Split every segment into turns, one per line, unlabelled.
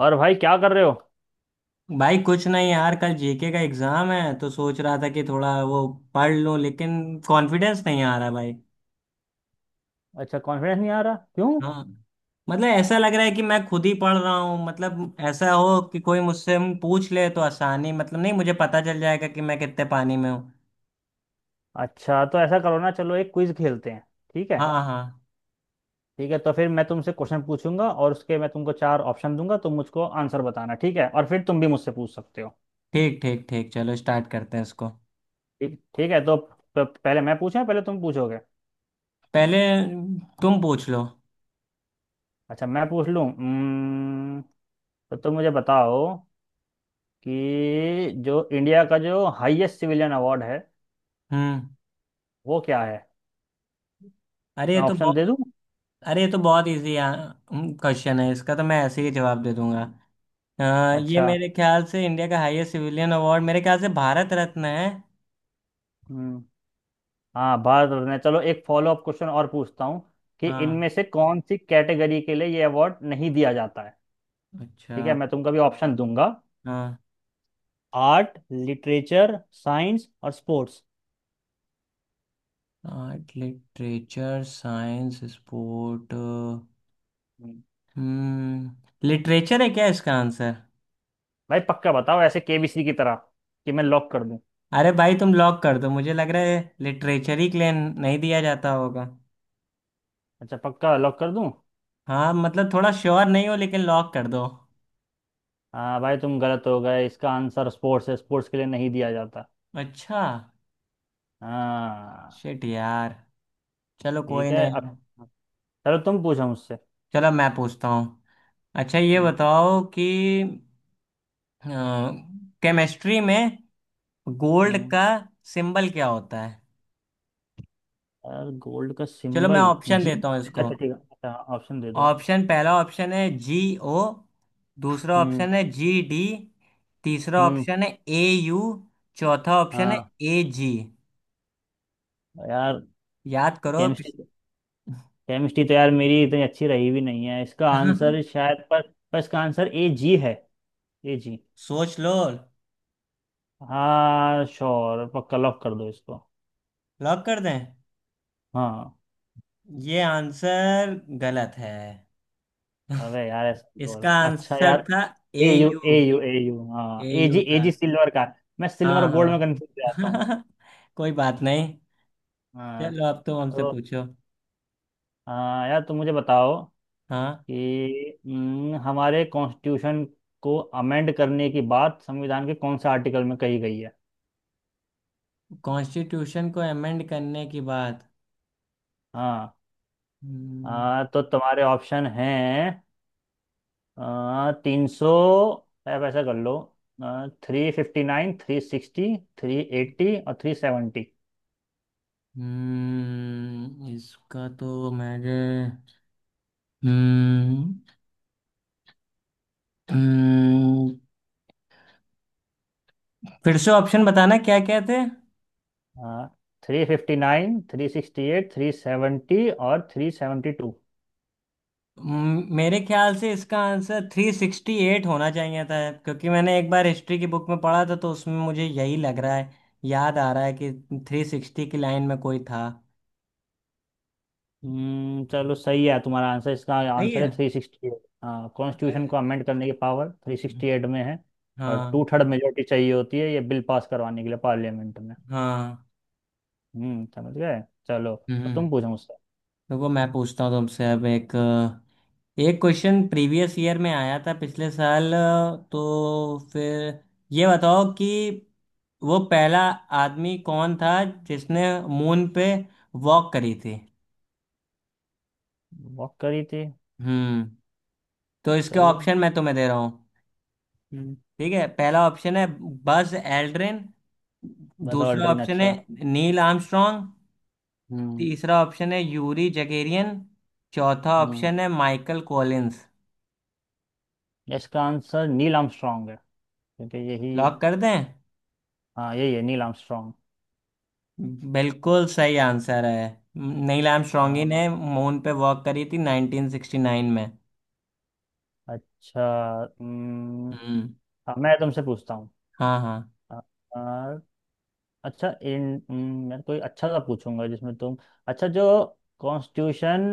और भाई क्या कर रहे हो?
भाई कुछ नहीं यार। कल जीके का एग्जाम है तो सोच रहा था कि थोड़ा वो पढ़ लूं, लेकिन कॉन्फिडेंस नहीं आ रहा भाई।
अच्छा, कॉन्फिडेंस नहीं आ रहा, क्यों?
हाँ, मतलब ऐसा लग रहा है कि मैं खुद ही पढ़ रहा हूँ। मतलब ऐसा हो कि कोई मुझसे हम पूछ ले तो आसानी, मतलब नहीं, मुझे पता चल जाएगा कि मैं कितने पानी में हूँ।
अच्छा तो ऐसा करो ना, चलो एक क्विज खेलते हैं। ठीक है।
हाँ हाँ।
ठीक है तो फिर मैं तुमसे क्वेश्चन पूछूंगा और उसके मैं तुमको चार ऑप्शन दूंगा, तुम मुझको आंसर बताना, ठीक है? और फिर तुम भी मुझसे पूछ सकते हो।
ठीक ठीक ठीक, चलो स्टार्ट करते हैं इसको।
ठीक, ठीक है तो पहले मैं पूछूं या पहले तुम पूछोगे?
पहले तुम पूछ लो।
अच्छा, मैं पूछ लूं। तो तुम मुझे बताओ कि जो इंडिया का जो हाईएस्ट सिविलियन अवार्ड है,
हम्म।
वो क्या है?
अरे ये
मैं
तो
ऑप्शन
बहुत
दे दूं?
अरे ये तो बहुत इजी क्वेश्चन है, इसका तो मैं ऐसे ही जवाब दे दूंगा। हाँ, ये
अच्छा।
मेरे ख्याल से इंडिया का हाईएस्ट सिविलियन अवार्ड, मेरे ख्याल से भारत रत्न है।
हम्म। हाँ, भारत रत्न है। चलो एक फॉलो अप क्वेश्चन और पूछता हूँ कि
हाँ।
इनमें से कौन सी कैटेगरी के लिए ये अवार्ड नहीं दिया जाता है?
अच्छा।
ठीक है, मैं तुमको भी ऑप्शन दूंगा।
हाँ।
आर्ट, लिटरेचर, साइंस और sports.
Art, literature, science, sport. हम्म, लिटरेचर है क्या इसका आंसर?
भाई पक्का बताओ, ऐसे केबीसी की तरह, कि मैं लॉक कर दूं?
अरे भाई तुम लॉक कर दो, मुझे लग रहा है लिटरेचर ही क्लेम नहीं दिया जाता होगा।
अच्छा, पक्का लॉक कर दूं?
हाँ, मतलब थोड़ा श्योर नहीं हो, लेकिन लॉक कर दो।
हाँ भाई, तुम गलत हो गए। इसका आंसर स्पोर्ट्स है, स्पोर्ट्स के लिए नहीं दिया जाता।
अच्छा।
हाँ।
शिट यार, चलो
ठीक
कोई
है
नहीं
अब,
यार।
चलो तुम पूछो मुझसे।
चलो मैं पूछता हूँ। अच्छा ये
हम्म,
बताओ कि केमिस्ट्री में गोल्ड
हम्म,
का सिंबल क्या होता है?
यार गोल्ड का
चलो मैं
सिंबल
ऑप्शन
जी।
देता हूँ इसको।
अच्छा ठीक है, अच्छा ऑप्शन दे दो।
ऑप्शन, पहला ऑप्शन है जी ओ। दूसरा
हम्म।
ऑप्शन है जी डी। तीसरा
हम्म।
ऑप्शन है ए यू। चौथा ऑप्शन है
हाँ
ए जी।
यार,
याद करो
केमिस्ट्री, केमिस्ट्री तो यार मेरी इतनी अच्छी रही भी नहीं है। इसका आंसर शायद पर इसका आंसर ए जी है। A G.
सोच लो।
हाँ श्योर, पक्का लॉक कर दो इसको।
लॉक कर दें?
हाँ।
ये आंसर गलत है।
अबे यार, ऐसा,
इसका
और अच्छा
आंसर
यार।
था A
A U, A
U.
U, A U. हाँ,
A
A G,
U
A
था।
जी सिल्वर का। मैं सिल्वर
हाँ
और गोल्ड में कंफ्यूज हो जाता हूँ।
हाँ। कोई बात नहीं।
हाँ
चलो अब तुम हमसे
तो
पूछो।
हाँ यार, तुम मुझे बताओ कि
हाँ,
हमारे कॉन्स्टिट्यूशन को अमेंड करने की बात संविधान के कौन से आर्टिकल में कही गई है?
कॉन्स्टिट्यूशन को अमेंड करने की बात।
हाँ,
हम्म।
तो तुम्हारे ऑप्शन हैं 300, आप ऐसा कर लो, 359, 360, 380 और 370।
इसका तो मेरे हम्म हम्म, फिर से ऑप्शन बताना क्या क्या थे?
हाँ, 359, 368, 370 और 372।
मेरे ख्याल से इसका आंसर थ्री सिक्सटी एट होना चाहिए था, क्योंकि मैंने एक बार हिस्ट्री की बुक में पढ़ा था तो उसमें मुझे यही लग रहा है, याद आ रहा है कि थ्री सिक्सटी की लाइन में कोई था।
हम्म, चलो सही है तुम्हारा आंसर। इसका
सही
आंसर है
है।
368। हाँ, कॉन्स्टिट्यूशन
अरे,
को अमेंड करने की पावर 368 में है। और
हाँ।
2/3 मेजोरिटी चाहिए होती है ये बिल पास करवाने के लिए पार्लियामेंट में।
हाँ।
हम्म, समझ गए। चलो अब
हम्म।
तुम पूछो मुझसे।
देखो मैं पूछता हूँ तुमसे अब एक एक क्वेश्चन प्रीवियस ईयर में आया था, पिछले साल। तो फिर ये बताओ कि वो पहला आदमी कौन था जिसने मून पे वॉक करी थी?
वॉक करी थी।
हम्म। तो इसके
चलो।
ऑप्शन मैं तुम्हें दे रहा हूँ।
हम्म।
ठीक है, पहला ऑप्शन है बज एल्ड्रिन।
बस
दूसरा
ऑल्ड्रिन,
ऑप्शन है
अच्छा।
Neil Armstrong.
हम्म।
तीसरा ऑप्शन है यूरी जगेरियन। चौथा
हम्म।
ऑप्शन है माइकल कॉलिंस।
इसका आंसर नील आर्मस्ट्रॉन्ग है, क्योंकि यही,
लॉक कर दें?
हाँ, यही है, नील आर्मस्ट्रॉन्ग।
बिल्कुल सही आंसर है। नील आर्मस्ट्रॉन्ग ही
हाँ।
ने मून पे वॉक करी थी 1969 में।
अच्छा। हम्म।
हम्म।
अब मैं तुमसे पूछता हूँ।
हाँ हाँ।
अ, अ, अच्छा इन, मैं कोई अच्छा सा पूछूंगा जिसमें तुम। अच्छा, जो कॉन्स्टिट्यूशन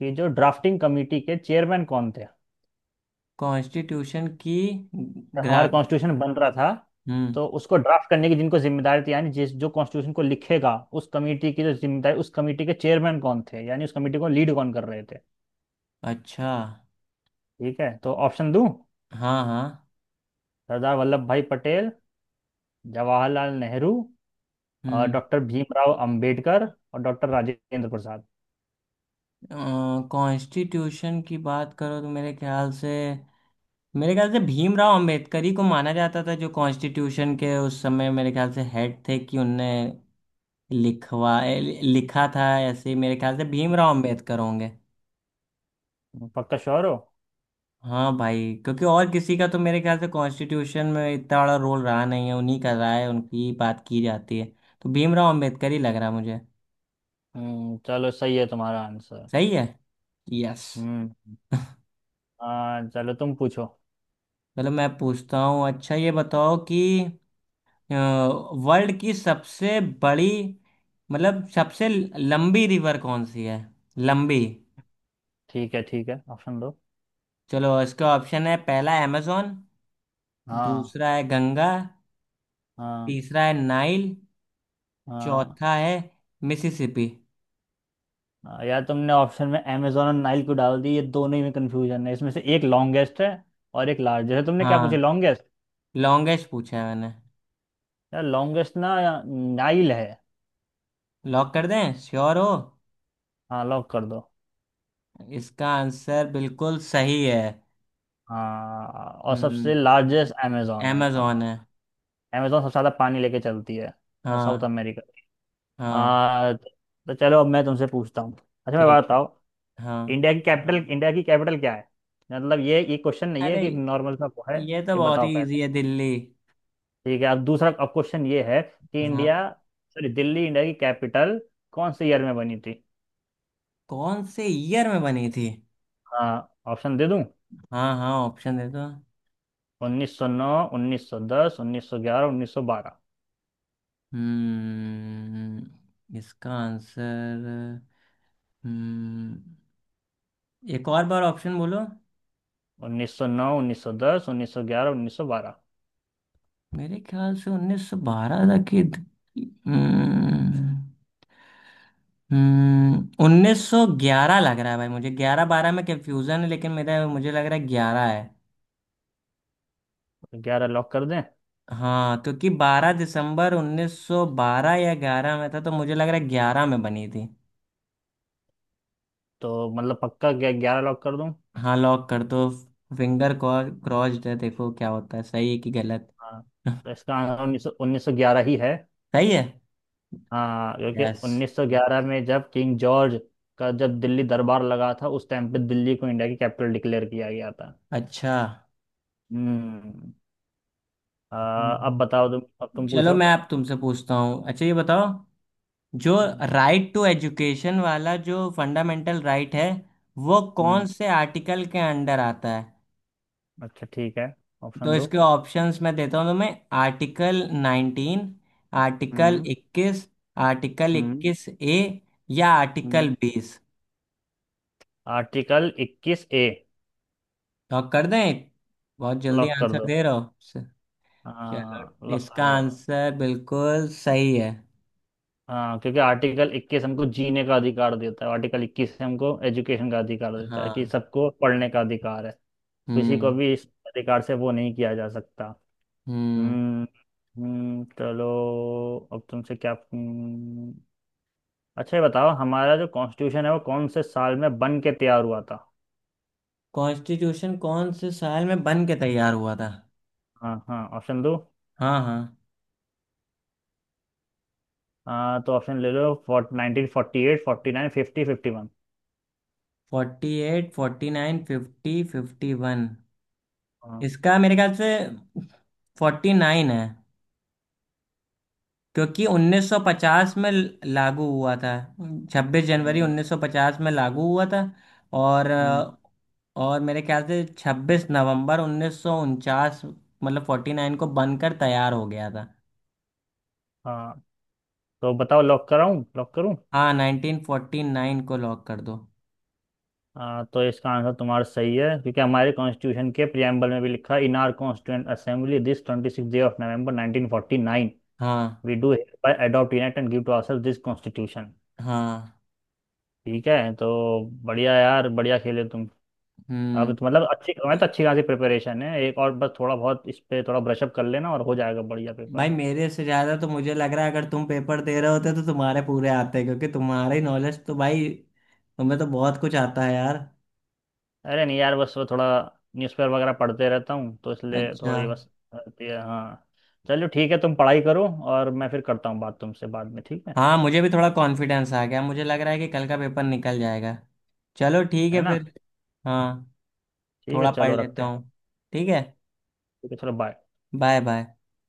की जो ड्राफ्टिंग कमेटी के चेयरमैन कौन थे?
कॉन्स्टिट्यूशन की ग्रा
हमारा कॉन्स्टिट्यूशन बन रहा था
हम्म।
तो उसको ड्राफ्ट करने की जिनको जिम्मेदारी थी, यानी जिस जो कॉन्स्टिट्यूशन को लिखेगा, उस कमेटी की जो जिम्मेदारी, उस कमेटी के चेयरमैन कौन थे, यानी उस कमेटी को लीड कौन कर रहे थे?
अच्छा।
ठीक है, तो ऑप्शन दूं।
हाँ हाँ।
सरदार वल्लभ भाई पटेल, जवाहरलाल नेहरू और
हम्म।
डॉक्टर भीमराव अंबेडकर और डॉक्टर राजेंद्र प्रसाद।
कॉन्स्टिट्यूशन की बात करो तो मेरे ख्याल से, मेरे ख्याल से भीमराव अंबेडकर ही को माना जाता था, जो कॉन्स्टिट्यूशन के उस समय मेरे ख्याल से हेड थे, कि उनने लिखा था। ऐसे ही मेरे ख्याल से भीमराव अंबेडकर होंगे।
पक्का श्योर हो?
हाँ भाई, क्योंकि और किसी का तो मेरे ख्याल से कॉन्स्टिट्यूशन में इतना बड़ा रोल रहा नहीं है, उन्हीं का रहा है, उनकी ही बात की जाती है। तो भीमराव अंबेडकर ही लग रहा है मुझे।
हम्म, चलो सही है तुम्हारा आंसर।
सही है। यस।
हम्म। हाँ चलो, तुम पूछो।
चलो मैं पूछता हूँ। अच्छा ये बताओ कि वर्ल्ड की सबसे बड़ी, मतलब सबसे लंबी रिवर कौन सी है? लंबी।
ठीक है। ठीक है, ऑप्शन दो।
चलो इसका ऑप्शन है, पहला amazon।
हाँ।
दूसरा है गंगा।
हाँ।
तीसरा है नाइल।
हाँ।
चौथा है मिसिसिपी।
हाँ, यार तुमने ऑप्शन में अमेजोन और नाइल को डाल दी, ये दोनों ही में कंफ्यूजन है। इसमें से एक लॉन्गेस्ट है और एक लार्जेस्ट है, तुमने क्या
हाँ,
पूछे, लॉन्गेस्ट?
लॉन्गेस्ट पूछा है मैंने।
यार, लॉन्गेस्ट ना, नाइल है।
लॉक कर दें? श्योर हो?
हाँ, लॉक कर दो।
इसका आंसर बिल्कुल सही है।
हाँ, और सबसे
हम्म,
लार्जेस्ट अमेजोन है।
amazon
हाँ।
है।
अमेजोन सबसे ज़्यादा पानी लेके चलती है। साउथ
हाँ।
अमेरिका।
हाँ।
हाँ तो, चलो अब मैं तुमसे पूछता हूँ। अच्छा, मैं बात
ठीक है,
बताओ।
हाँ।
इंडिया की कैपिटल, इंडिया की कैपिटल क्या है? मतलब ये क्वेश्चन नहीं है
अरे
कि, नॉर्मल सा है।
ये तो
ये
बहुत
बताओ।
ही इजी है, दिल्ली।
ठीक है, अब दूसरा, अब क्वेश्चन ये है कि
हाँ,
इंडिया, सॉरी, दिल्ली इंडिया की कैपिटल कौन से ईयर में बनी थी?
कौन से ईयर में बनी थी?
हाँ, ऑप्शन दे दूं।
हाँ हाँ, ऑप्शन दे दो।
1909, 1910, 1911, 1912।
हम्म, इसका आंसर। हम्म, एक और बार ऑप्शन बोलो।
1909, 1910, 1911, 1912, ग्यारह, उन्नीस सौ बारह। उन्नीस सौ नौ, उन्नीस सौ दस, उन्नीस सौ ग्यारह, उन्नीस सौ बारह।
मेरे ख्याल से 1912 तक की। हम्म। हम्म, उन्नीस सौ ग्यारह लग रहा है भाई मुझे, ग्यारह बारह में कंफ्यूजन है, लेकिन मेरा मुझे लग रहा है ग्यारह है।
तो ग्यारह लॉक कर दें?
हाँ, क्योंकि बारह दिसंबर उन्नीस सौ बारह या ग्यारह में था, तो मुझे लग रहा है ग्यारह में बनी थी।
तो मतलब पक्का ग्यारह लॉक कर दूं?
हाँ लॉक कर दो। फिंगर क्रॉस्ड है, देखो क्या होता है, सही है कि गलत।
हाँ। तो इसका आंसर उन्नीस सौ ग्यारह ही है।
सही है।
हाँ, क्योंकि
यस।
1911 में जब किंग जॉर्ज का, जब दिल्ली दरबार लगा था, उस टाइम पे दिल्ली को इंडिया की कैपिटल डिक्लेयर किया गया था।
अच्छा।
हम्म। अ, अब
हम्म।
बताओ तुम, अब तुम
चलो
पूछो।
मैं अब तुमसे पूछता हूँ। अच्छा ये बताओ, जो
हम्म।
राइट टू एजुकेशन वाला जो फंडामेंटल राइट है, वो कौन
हम्म।
से आर्टिकल के अंडर आता है?
अच्छा ठीक है,
तो
ऑप्शन दो।
इसके ऑप्शंस मैं देता हूँ तुम्हें। Article nineteen. आर्टिकल
हम्म।
इक्कीस। आर्टिकल
हम्म,
इक्कीस ए। या
हम्म।
आर्टिकल बीस।
आर्टिकल इक्कीस ए।
लॉक कर दें? बहुत जल्दी
लॉक कर
आंसर
दो।
दे रहे हो
हाँ,
चलो
लॉक
इसका
कर दो।
आंसर बिल्कुल सही है।
हाँ, क्योंकि आर्टिकल 21 हमको जीने का अधिकार देता है, आर्टिकल 21 हमको एजुकेशन का अधिकार देता है कि
हाँ।
सबको पढ़ने का अधिकार है। किसी को
हम्म।
भी इस अधिकार से वो नहीं किया जा सकता।
हम्म।
हम्म। हम्म, चलो अब तुमसे क्या, अच्छा ये बताओ, हमारा जो कॉन्स्टिट्यूशन है वो कौन से साल में बन के तैयार हुआ था?
कॉन्स्टिट्यूशन कौन से साल में बन के तैयार हुआ था?
हाँ हाँ, ऑप्शन दो।
हाँ हाँ।
तो ऑप्शन ले लो, fort 1948, 49, 50, 51।
Forty eight, forty nine, fifty, fifty one.
हाँ।
इसका मेरे ख्याल से फोर्टी नाइन है, क्योंकि 1950 में लागू हुआ था, 26 जनवरी
हम्म।
1950 में लागू हुआ था। और
हम्म,
और मेरे ख्याल से 26 नवंबर 1949, मतलब 49 को बनकर तैयार हो गया था।
हाँ तो बताओ, लॉक कराऊं, लॉक करूं?
हाँ, 1949 को लॉक कर दो।
तो इसका आंसर तुम्हारा सही है, क्योंकि हमारे कॉन्स्टिट्यूशन के प्रियम्बल में भी लिखा, "in our constituent assembly this 26 day of नवंबर 1949
हाँ।
We do by adopt unite and give to ourselves this constitution".
हाँ।
ठीक है तो, बढ़िया यार, बढ़िया खेले तुम। अब
हम्म।
तो मतलब अच्छी, मैं तो, अच्छी खासी प्रिपरेशन है, एक और बस थोड़ा बहुत इस पे थोड़ा ब्रशअप कर लेना और हो जाएगा बढ़िया पेपर।
भाई मेरे से ज्यादा तो मुझे लग रहा है, अगर तुम पेपर दे रहे होते तो तुम्हारे पूरे आते, क्योंकि तुम्हारी नॉलेज तो भाई, तुम्हें तो बहुत कुछ आता है यार।
अरे नहीं यार, बस वो थोड़ा न्यूज़पेपर वगैरह पढ़ते रहता हूँ तो इसलिए
अच्छा।
थोड़ी बस रहती है। हाँ। चलो ठीक है, तुम पढ़ाई करो और मैं फिर करता हूँ बात तुमसे बाद में, ठीक है?
हाँ, मुझे भी थोड़ा कॉन्फिडेंस आ गया, मुझे लग रहा है कि कल का पेपर निकल जाएगा। चलो ठीक
है
है
ना।
फिर। हाँ,
ठीक है,
थोड़ा पढ़
चलो रखते
लेता
हैं।
हूँ। ठीक है।
ठीक है, चलो, बाय।
Bye bye.